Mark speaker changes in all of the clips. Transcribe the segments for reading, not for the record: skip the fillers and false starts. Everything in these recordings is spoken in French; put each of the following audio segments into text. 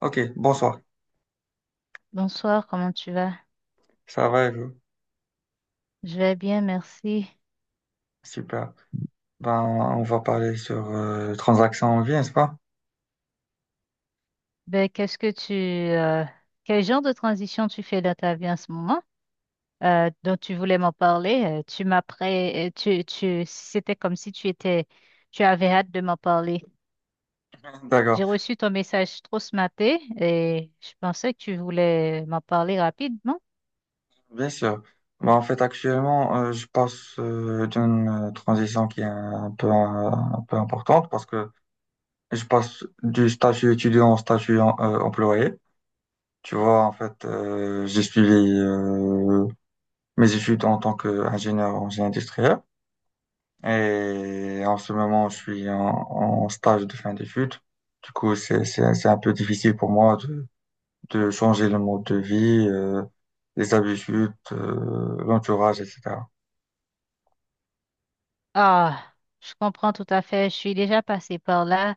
Speaker 1: Ok, bonsoir.
Speaker 2: Bonsoir, comment tu vas?
Speaker 1: Ça va et vous?
Speaker 2: Je vais bien, merci.
Speaker 1: Super. Ben, on va parler sur transactions en vie, n'est-ce pas?
Speaker 2: Ben, quel genre de transition tu fais dans ta vie en ce moment? Dont tu voulais m'en parler. Tu m'apprêts, tu, tu, c'était comme si tu étais, tu avais hâte de m'en parler. J'ai
Speaker 1: D'accord,
Speaker 2: reçu ton message trop ce matin et je pensais que tu voulais m'en parler rapidement.
Speaker 1: bien sûr. Ben, en fait, actuellement, je passe d'une transition qui est un peu importante parce que je passe du statut étudiant au statut employé. Tu vois, en fait, j'ai suivi euh, mes études en tant qu'ingénieur en génie industriel. Et en ce moment, je suis en stage de fin d'études. Du coup, c'est un peu difficile pour moi de changer le mode de vie, les habitudes, l'entourage, etc.
Speaker 2: Ah, je comprends tout à fait. Je suis déjà passée par là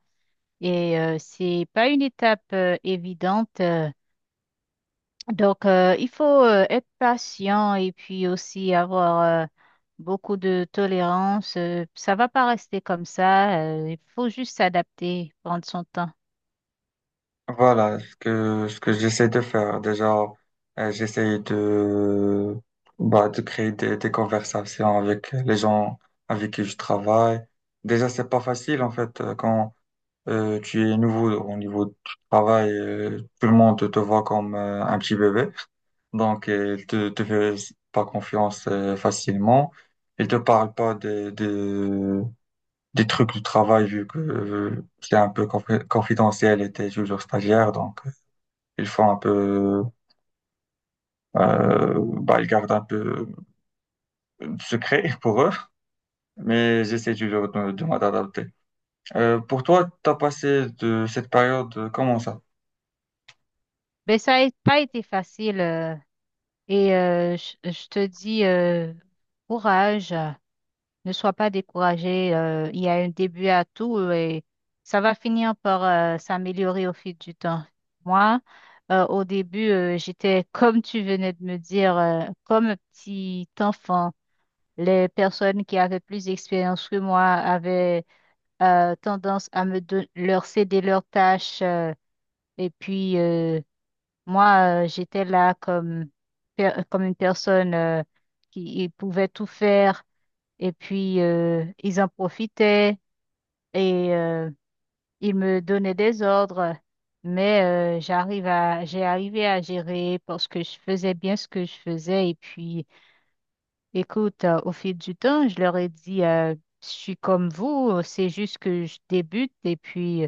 Speaker 2: et c'est pas une étape évidente. Donc, il faut être patient et puis aussi avoir beaucoup de tolérance. Ça va pas rester comme ça. Il faut juste s'adapter, prendre son temps.
Speaker 1: Voilà ce que j'essaie de faire. Déjà, j'essaie bah, de créer des conversations avec les gens avec qui je travaille. Déjà, c'est pas facile, en fait, quand tu es nouveau au niveau du travail, tout le monde te voit comme un petit bébé, donc il te fait pas confiance facilement. Il te parle pas des trucs du travail vu que c'est un peu confidentiel et t'es toujours stagiaire, donc ils font un peu, bah, ils gardent un peu de secret pour eux. Mais j'essaie toujours de m'adapter. Pour toi, t'as passé de cette période comment ça?
Speaker 2: Mais ça n'a pas été facile. Et je te dis courage. Ne sois pas découragé. Il y a un début à tout et ça va finir par s'améliorer au fil du temps. Moi, au début, j'étais comme tu venais de me dire, comme un petit enfant. Les personnes qui avaient plus d'expérience que moi avaient tendance à leur céder leurs tâches. Et puis, moi, j'étais là comme, comme une personne qui pouvait tout faire. Et puis, ils en profitaient et ils me donnaient des ordres. Mais j'ai arrivé à gérer parce que je faisais bien ce que je faisais. Et puis, écoute, au fil du temps, je leur ai dit, je suis comme vous, c'est juste que je débute et puis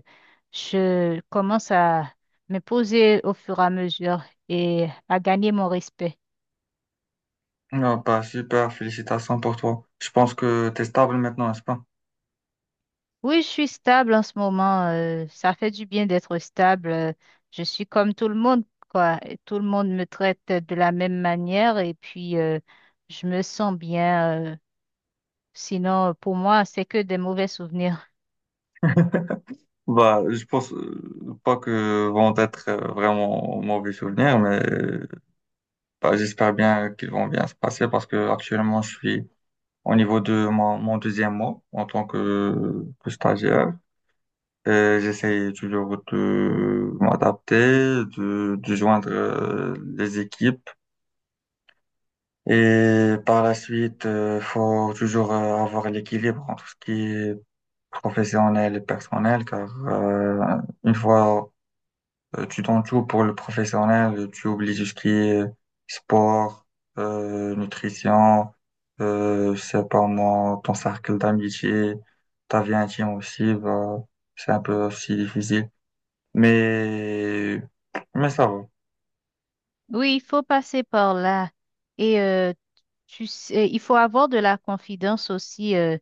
Speaker 2: je commence à me poser au fur et à mesure et à gagner mon respect.
Speaker 1: Ah bah super, félicitations pour toi. Je pense que t'es stable maintenant, n'est-ce pas?
Speaker 2: Oui, je suis stable en ce moment. Ça fait du bien d'être stable. Je suis comme tout le monde, quoi. Et tout le monde me traite de la même manière et puis je me sens bien. Sinon, pour moi, c'est que des mauvais souvenirs.
Speaker 1: Bah, je pense pas que vont être vraiment mauvais souvenirs, mais bah, j'espère bien qu'ils vont bien se passer parce que actuellement je suis au niveau de mon deuxième mois en tant que stagiaire. Et j'essaie toujours de m'adapter, de joindre les équipes. Et par la suite, il faut toujours avoir l'équilibre entre ce qui est professionnel et personnel, car une fois tu donnes tout pour le professionnel, tu oublies tout ce qui est sport, nutrition, je sais pas moi, ton cercle d'amitié, ta vie intime aussi, bah, c'est un peu aussi difficile. Mais, mais ça va.
Speaker 2: Oui, il faut passer par là. Et tu sais, il faut avoir de la confidence aussi,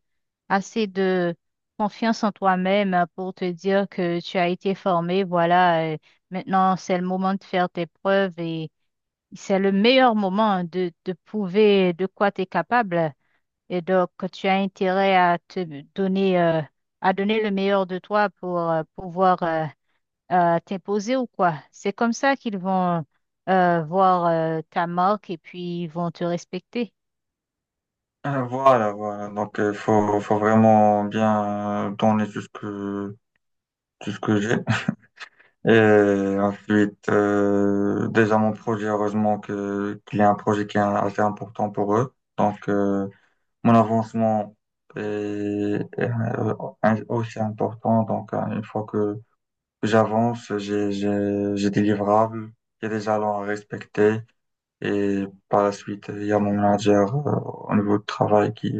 Speaker 2: assez de confiance en toi-même hein, pour te dire que tu as été formé. Voilà, maintenant c'est le moment de faire tes preuves et c'est le meilleur moment de prouver de quoi tu es capable. Et donc, tu as intérêt à donner, euh, à donner le meilleur de toi pour pouvoir, t'imposer ou quoi. C'est comme ça qu'ils vont voir ta marque et puis ils vont te respecter.
Speaker 1: Voilà, voilà. Donc, faut vraiment bien donner tout ce que j'ai. Et ensuite, déjà mon projet, heureusement que qu'il y a un projet qui est assez important pour eux. Donc, mon avancement est, est, euh, aussi important. Donc, une fois que j'avance, j'ai des livrables, il y a des jalons à respecter. Et par la suite, il y a mon manager au niveau de travail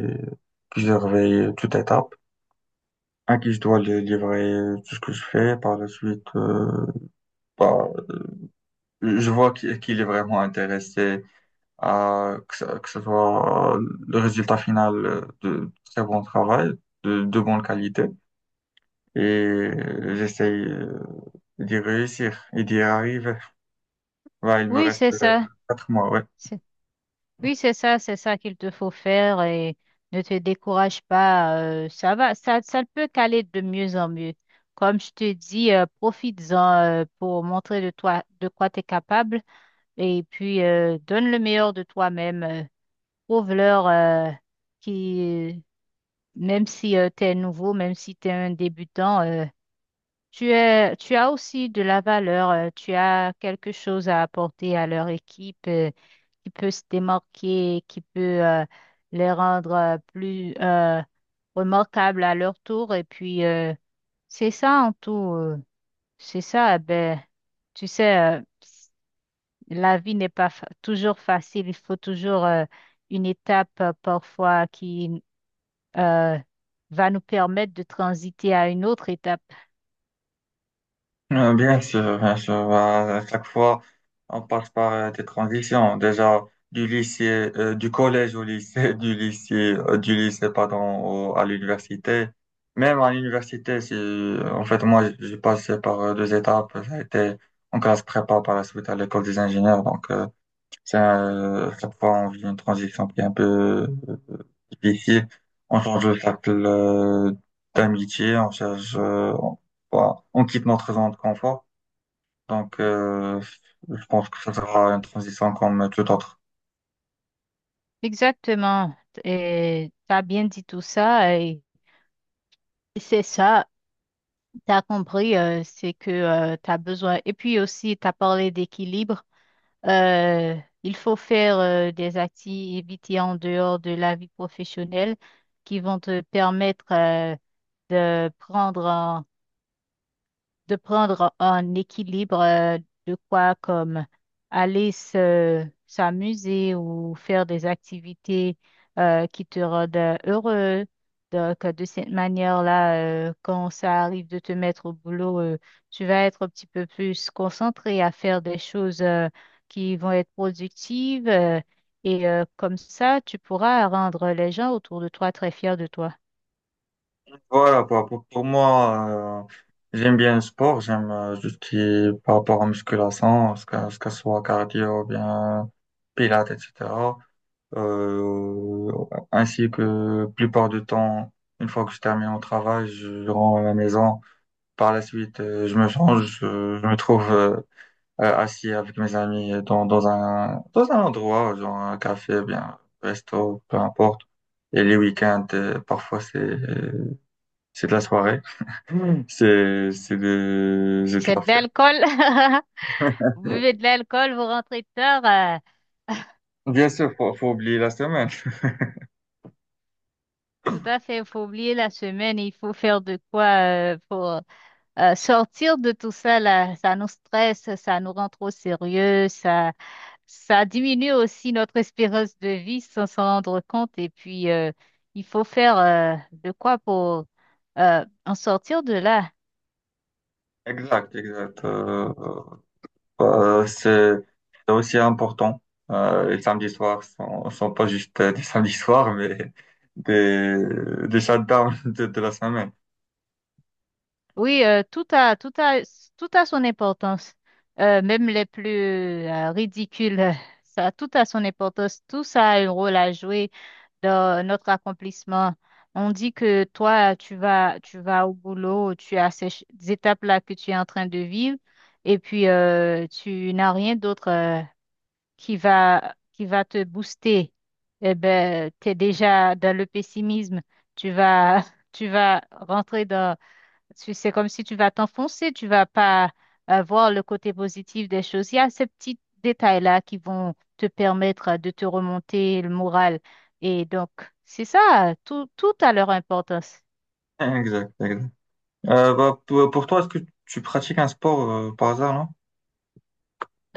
Speaker 1: qui surveille toute étape, à qui je dois le livrer tout ce que je fais. Par la suite, bah, Je vois qu'il est vraiment intéressé à que ce soit le résultat final de très bon travail, de bonne qualité. Et j'essaye d'y réussir et d'y arriver. Ouais, il me
Speaker 2: Oui,
Speaker 1: reste
Speaker 2: c'est ça.
Speaker 1: quatre mois, ouais.
Speaker 2: C'est- Oui, c'est ça qu'il te faut faire et ne te décourage pas. Ça va, ça ne peut qu'aller de mieux en mieux. Comme je te dis, profites-en pour montrer de toi de quoi tu es capable et puis donne le meilleur de toi-même. Prouve-leur qui, même si tu es nouveau, même si tu es un débutant, tu as aussi de la valeur, tu as quelque chose à apporter à leur équipe qui peut se démarquer, qui peut les rendre plus remarquables à leur tour. Et puis, c'est ça en tout, c'est ça. Eh ben, tu sais, la vie n'est pas toujours facile. Il faut toujours une étape parfois qui euh, va nous permettre de transiter à une autre étape.
Speaker 1: Bien sûr, bien sûr. À chaque fois, on passe par des transitions. Déjà, du collège au lycée, du lycée, pardon, à l'université. Même à l'université, c'est, en fait, moi, j'ai passé par deux étapes. Ça a été en classe prépa par la suite à l'école des ingénieurs. Donc, chaque fois, on vit une transition qui est un peu euh, difficile. On change de cercle d'amitié, on cherche, voilà, on quitte notre zone de confort. Donc, je pense que ça sera une transition comme tout autre.
Speaker 2: Exactement. Et t'as bien dit tout ça et c'est ça, t'as compris, c'est que tu as besoin. Et puis aussi, t'as parlé d'équilibre. Euh, il faut faire des activités en dehors de la vie professionnelle qui vont te permettre de prendre de prendre en équilibre de quoi comme aller se s'amuser ou faire des activités qui te rendent heureux. Donc, de cette manière-là, quand ça arrive de te mettre au boulot, tu vas être un petit peu plus concentré à faire des choses qui vont être productives et comme ça, tu pourras rendre les gens autour de toi très fiers de toi.
Speaker 1: Voilà, quoi. Pour moi, j'aime bien le sport, j'aime tout ce qui est par rapport à musculation, ce soit cardio, bien pilates, etc. Euh, Ainsi que plupart du temps, une fois que je termine mon travail, je rentre à la maison. Par la suite, je me change, je me trouve assis avec mes amis dans un endroit, genre un café, bien, resto, peu importe. Et les week-ends, parfois, c'est de la soirée. Mm. C'est de la
Speaker 2: C'est de l'alcool. Vous
Speaker 1: fête.
Speaker 2: buvez de l'alcool, vous rentrez tard.
Speaker 1: Bien sûr, faut oublier la semaine.
Speaker 2: Tout à fait, il faut oublier la semaine, il faut faire de quoi pour sortir de tout ça là. Ça nous stresse, ça nous rend trop sérieux, ça diminue aussi notre espérance de vie sans s'en rendre compte. Et puis, il faut faire de quoi pour en sortir de là.
Speaker 1: Exact, exact. Euh, c'est c'est aussi important. Les samedis soirs sont pas juste des samedis soirs, mais des, des shutdowns de la semaine.
Speaker 2: Oui, tout a son importance. Même les plus ridicules, ça, tout a son importance. Tout ça a un rôle à jouer dans notre accomplissement. On dit que toi, tu vas au boulot, tu as ces étapes-là que tu es en train de vivre, et puis tu n'as rien d'autre qui va te booster. Eh ben, tu es déjà dans le pessimisme. Tu vas, tu vas rentrer dans parce que c'est comme si tu vas t'enfoncer, tu vas pas voir le côté positif des choses. Il y a ces petits détails-là qui vont te permettre de te remonter le moral. Et donc, c'est ça, tout a leur importance.
Speaker 1: Exact, exact. Bah, pour toi, est-ce que tu pratiques un sport par hasard, non?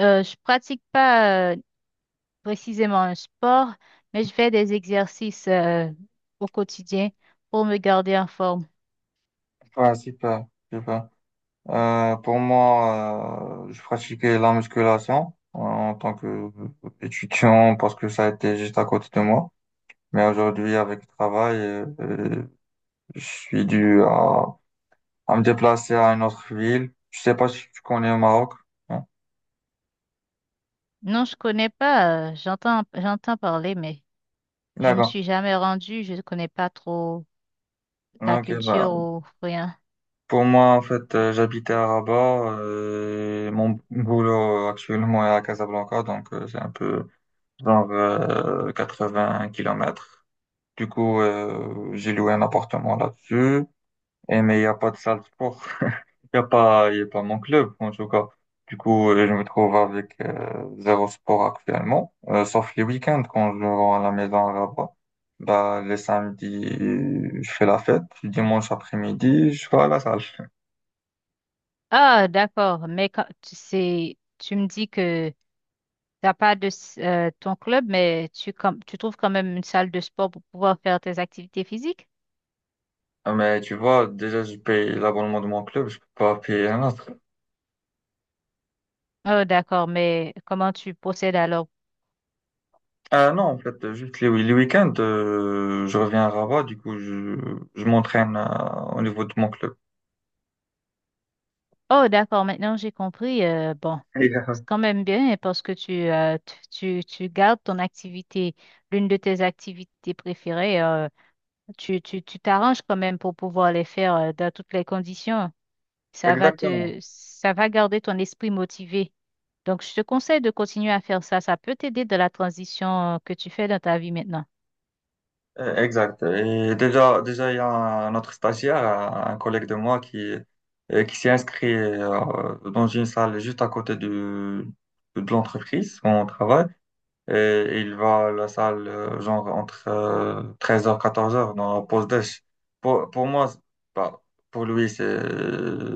Speaker 2: Je pratique pas précisément un sport, mais je fais des exercices au quotidien pour me garder en forme.
Speaker 1: Ouais, super, super. Pour moi, je pratiquais la musculation en tant que étudiant parce que ça était juste à côté de moi. Mais aujourd'hui, avec le travail, je suis dû à me déplacer à une autre ville. Je sais pas si tu connais le Maroc. Non.
Speaker 2: Non, je connais pas, j'entends parler, mais je me
Speaker 1: D'accord.
Speaker 2: suis jamais rendue, je ne connais pas trop la
Speaker 1: Ok,
Speaker 2: culture
Speaker 1: bah,
Speaker 2: ou rien.
Speaker 1: pour moi, en fait, j'habitais à Rabat, mon boulot actuellement est à Casablanca, donc c'est un peu genre 80 kilomètres. Du coup, j'ai loué un appartement là-dessus. Eh, mais il n'y a pas de salle de sport. Il n'y a pas, il y a pas mon club, en tout cas. Du coup, je me trouve avec zéro sport actuellement, sauf les week-ends quand je rentre à la maison à Rabat. Bah, les samedis, je fais la fête. Le dimanche après-midi, je vais à la salle.
Speaker 2: Ah, d'accord. Mais quand, tu sais, tu me dis que t'as pas de ton club, mais tu trouves quand même une salle de sport pour pouvoir faire tes activités physiques?
Speaker 1: Ah, mais tu vois, déjà, je paye l'abonnement de mon club, je peux pas payer un autre.
Speaker 2: Oh, d'accord. Mais comment tu procèdes alors?
Speaker 1: Ah non, en fait, juste les week-ends, je reviens à Rabat, du coup, je m'entraîne au niveau de mon club.
Speaker 2: Oh, d'accord. Maintenant, j'ai compris. Bon, c'est quand même bien parce que tu gardes ton activité, l'une de tes activités préférées. Tu t'arranges quand même pour pouvoir les faire dans toutes les conditions.
Speaker 1: Exactement.
Speaker 2: Ça va garder ton esprit motivé. Donc, je te conseille de continuer à faire ça. Ça peut t'aider dans la transition que tu fais dans ta vie maintenant.
Speaker 1: Exact. Et déjà, déjà, il y a un autre stagiaire, un collègue de moi qui s'est inscrit dans une salle juste à côté de l'entreprise où on travaille. Et il va à la salle, genre, entre 13h 14h, dans la pause déj. Pour, pour moi, c'est- Bah, pour lui,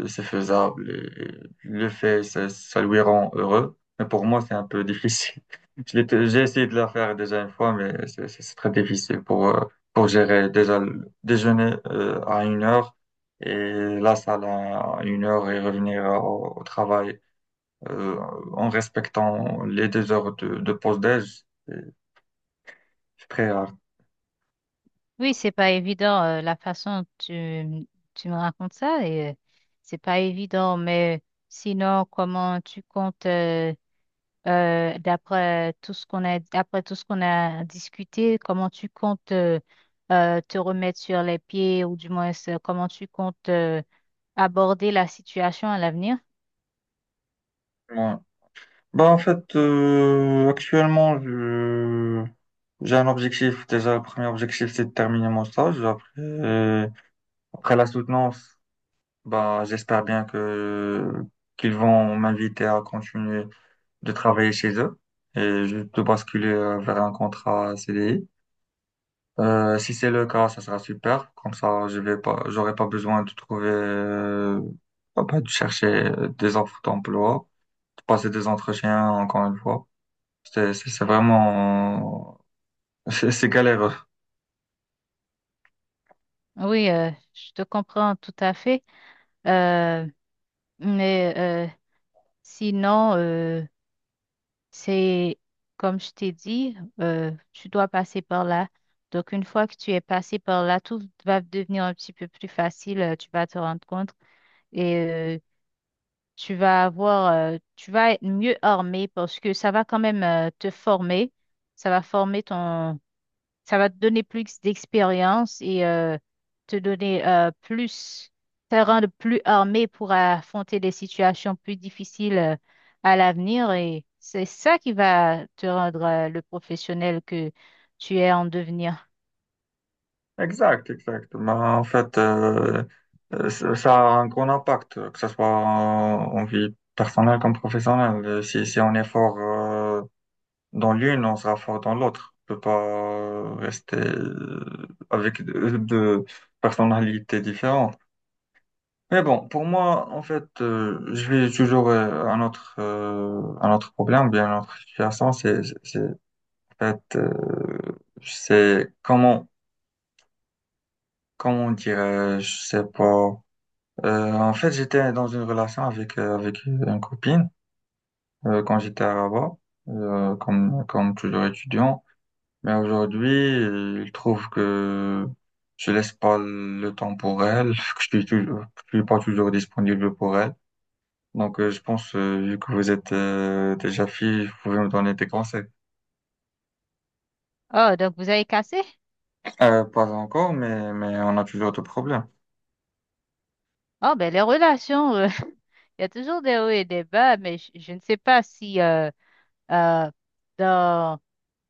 Speaker 1: c'est faisable. Et il le fait, ça lui rend heureux. Mais pour moi, c'est un peu difficile. J'ai essayé de la faire déjà une fois, mais c'est très difficile pour gérer déjà le déjeuner à une heure et la salle à une heure et revenir au travail euh, en respectant les deux heures de pause déj. C'est très rare.
Speaker 2: Oui, c'est pas évident, la façon dont tu me racontes ça, et, c'est pas évident, mais sinon, comment tu comptes, d'après tout ce qu'on a, après tout ce qu'on a discuté, comment tu comptes, te remettre sur les pieds, ou du moins, comment tu comptes, aborder la situation à l'avenir?
Speaker 1: Ouais. Bah, en fait, J'ai un objectif. Déjà, le premier objectif, c'est de terminer mon stage. Après la soutenance, bah, j'espère bien que qu'ils vont m'inviter à continuer de travailler chez eux de basculer vers un contrat CDI. Si c'est le cas, ça sera super. Comme ça, je vais pas, j'aurai pas besoin de trouver, pas de chercher des offres d'emploi, de passer des entretiens encore une fois. C'est vraiment, c'est galéreux.
Speaker 2: Oui, je te comprends tout à fait. Euh, Mais sinon, c'est comme je t'ai dit, tu dois passer par là. Donc, une fois que tu es passé par là, tout va devenir un petit peu plus facile. Tu vas te rendre compte et tu vas être mieux armé parce que ça va quand même te former. Ça va former ton, Ça va te donner plus d'expérience et te donner euh, plus, te rendre plus armé pour affronter des situations plus difficiles à l'avenir. Et c'est ça qui va te rendre le professionnel que tu es en devenir.
Speaker 1: Exact, exact. Mais en fait, ça a un grand impact, que ce soit en vie personnelle comme professionnelle. Si on est fort, dans l'une, on sera fort dans l'autre. On peut pas rester avec deux deux personnalités différentes. Mais bon, pour moi, en fait, je vais toujours un autre problème, ou bien une autre situation, en fait, c'est comment dirais-je, je sais pas. En fait, j'étais dans une relation avec une copine quand j'étais à Rabat, comme toujours étudiant. Mais aujourd'hui, je trouve que je laisse pas le temps pour elle, que je suis toujours, que je suis pas toujours disponible pour elle. Donc, je pense, vu que vous êtes déjà fille, vous pouvez me donner des conseils.
Speaker 2: Oh, donc vous avez cassé?
Speaker 1: Pas encore, mais on a toujours de problèmes.
Speaker 2: Oh, ben les relations, il y a toujours des hauts et des bas, mais je ne sais pas si euh, dans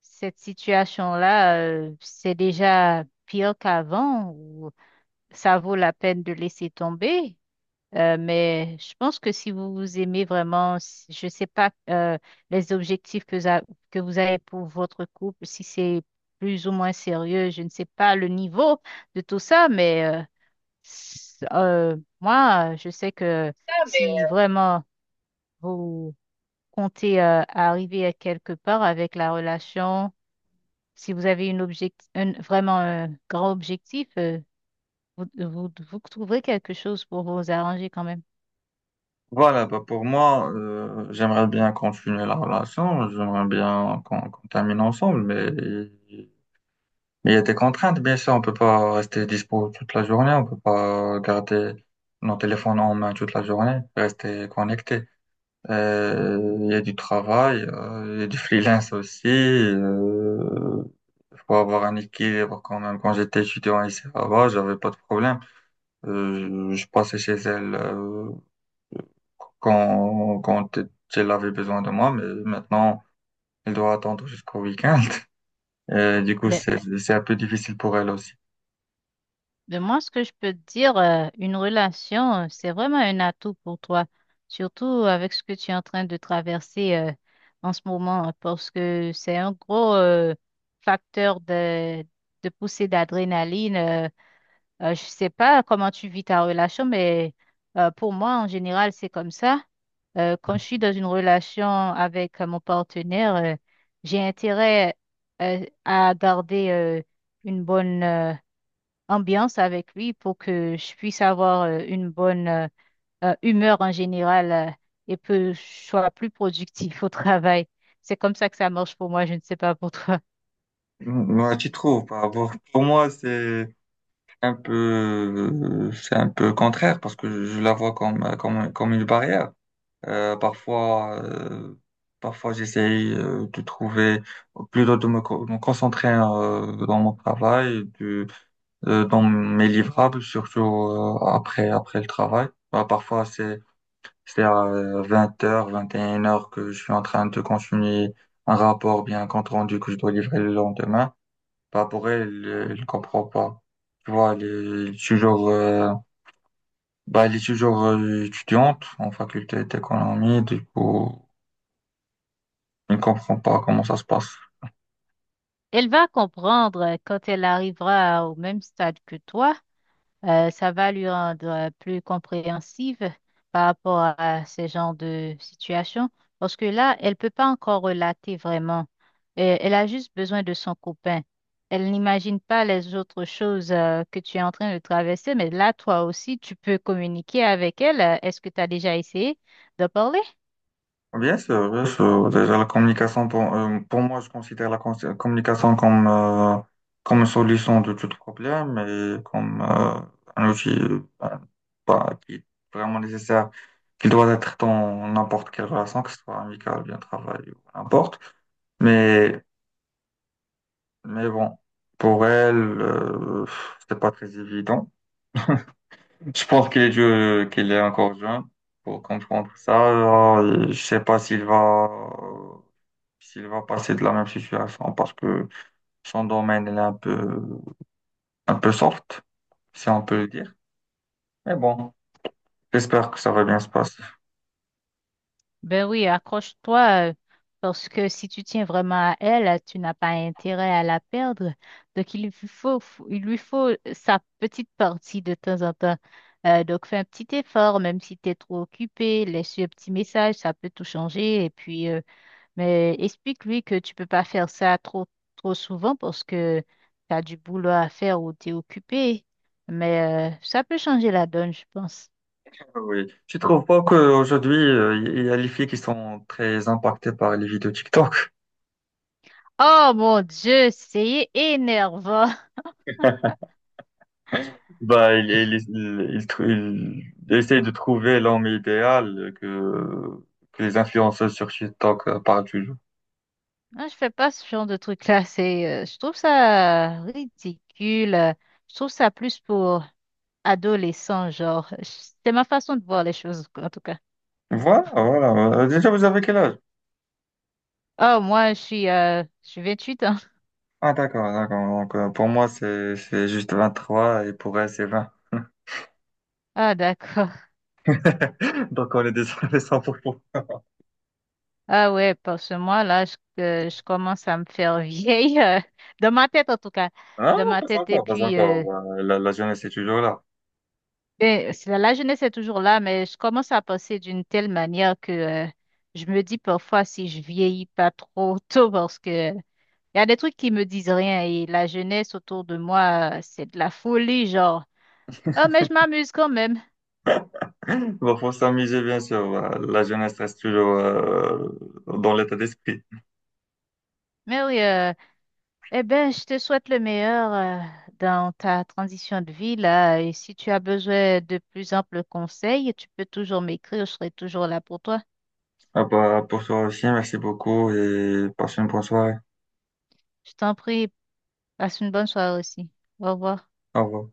Speaker 2: cette situation-là, c'est déjà pire qu'avant, ça vaut la peine de laisser tomber. Mais je pense que si vous vous aimez vraiment, je ne sais pas les objectifs que vous avez pour votre couple, si c'est plus ou moins sérieux, je ne sais pas le niveau de tout ça, mais moi, je sais que si vraiment vous comptez arriver à quelque part avec la relation, si vous avez une vraiment un grand objectif, vous trouverez quelque chose pour vous arranger quand même.
Speaker 1: Voilà, bah pour moi, j'aimerais bien continuer la relation, j'aimerais bien qu'on termine ensemble, mais il y a des contraintes, bien sûr, on peut pas rester dispo toute la journée, on peut pas garder nos téléphones en main toute la journée, rester connecté. Il y a du travail, il y a du freelance aussi. Faut avoir un équilibre quand même. Quand j'étais étudiant ici là-bas, j'avais pas de problème. Je passais chez elle quand elle avait besoin de moi, mais maintenant elle doit attendre jusqu'au week-end. Du coup,
Speaker 2: Ben,
Speaker 1: c'est un peu difficile pour elle aussi.
Speaker 2: ben, moi, ce que je peux te dire, une relation, c'est vraiment un atout pour toi, surtout avec ce que tu es en train de traverser en ce moment, hein, parce que c'est un gros facteur de poussée d'adrénaline. Je sais pas comment tu vis ta relation, mais pour moi, en général, c'est comme ça. Quand je suis dans une relation avec mon partenaire, j'ai intérêt à garder une bonne ambiance avec lui pour que je puisse avoir une bonne humeur en général et que je sois plus productif au travail. C'est comme ça que ça marche pour moi, je ne sais pas pour toi.
Speaker 1: Ouais, tu trouves par rapport. Pour moi, c'est un peu contraire parce que je la vois comme une barrière. Euh, parfois, euh, Parfois j'essaye de trouver, plutôt de me concentrer dans mon travail, dans mes livrables, surtout après le travail. Bah, parfois, c'est à 20h, 21h que je suis en train de continuer un rapport, bien un compte rendu que je dois livrer le lendemain. Bah, pour elle, elle comprend pas. Tu vois, bah, elle est toujours étudiante en faculté d'économie, du coup, elle ne comprend pas comment ça se passe.
Speaker 2: Elle va comprendre quand elle arrivera au même stade que toi. Ça va lui rendre plus compréhensive par rapport à ce genre de situation, parce que là, elle peut pas encore relater vraiment. Elle a juste besoin de son copain. Elle n'imagine pas les autres choses que tu es en train de traverser, mais là, toi aussi, tu peux communiquer avec elle. Est-ce que tu as déjà essayé de parler?
Speaker 1: Bien sûr, bien sûr. Déjà, la communication, pour moi, je considère la communication comme une solution de tout problème et comme un outil bah, qui est vraiment nécessaire, qui doit être dans n'importe quelle relation, que ce soit amicale, bien travail ou n'importe. Mais bon, pour elle, c'est pas très évident. Je pense qu'il est encore jeune pour comprendre ça. Je sais pas s'il va passer de la même situation parce que son domaine il est un peu soft, si on peut le dire. Mais bon, j'espère que ça va bien se passer.
Speaker 2: Ben oui, accroche-toi, parce que si tu tiens vraiment à elle, tu n'as pas intérêt à la perdre. Donc, il lui faut sa petite partie de temps en temps. Donc, fais un petit effort, même si tu es trop occupé, laisse-lui un petit message, ça peut tout changer. Et puis, mais explique-lui que tu peux pas faire ça trop, trop souvent parce que tu as du boulot à faire ou tu es occupé. Mais ça peut changer la donne, je pense.
Speaker 1: Oui. Tu trouves pas qu'aujourd'hui, il y a les filles qui sont très impactées par les vidéos TikTok?
Speaker 2: Oh mon Dieu, c'est énervant.
Speaker 1: Bah, il essaye de trouver l'homme idéal que les influenceuses sur TikTok parlent toujours.
Speaker 2: Non, je fais pas ce genre de truc-là. Je trouve ça ridicule. Je trouve ça plus pour adolescents, genre. C'est ma façon de voir les choses, en tout cas.
Speaker 1: Voilà, voilà. Déjà, vous avez quel âge?
Speaker 2: Oh, moi, je suis 28 ans.
Speaker 1: Ah, d'accord, d'accord. Donc, pour moi, c'est juste 23 et pour elle, c'est 20
Speaker 2: Ah, d'accord.
Speaker 1: Donc, on est déjà les 100%.
Speaker 2: Ah ouais, parce que moi, là, que je commence à me faire vieille. Dans ma tête, en tout cas.
Speaker 1: Ah,
Speaker 2: Dans
Speaker 1: non,
Speaker 2: ma
Speaker 1: pas
Speaker 2: tête. Et
Speaker 1: encore, pas
Speaker 2: puis,
Speaker 1: encore. La jeunesse est toujours là.
Speaker 2: ben, la jeunesse est toujours là, mais je commence à penser d'une telle manière que, je me dis parfois si je vieillis pas trop tôt parce que il y a des trucs qui me disent rien et la jeunesse autour de moi, c'est de la folie, genre. Oh, mais je m'amuse quand même.
Speaker 1: Bon, faut s'amuser, bien sûr. La jeunesse reste toujours dans l'état d'esprit.
Speaker 2: Mais oui, eh ben, je te souhaite le meilleur dans ta transition de vie là. Et si tu as besoin de plus amples conseils, tu peux toujours m'écrire, je serai toujours là pour toi.
Speaker 1: Ah bah, pour toi aussi, merci beaucoup et passe une bonne soirée.
Speaker 2: Je t'en prie, passe une bonne soirée aussi. Au revoir.
Speaker 1: Au revoir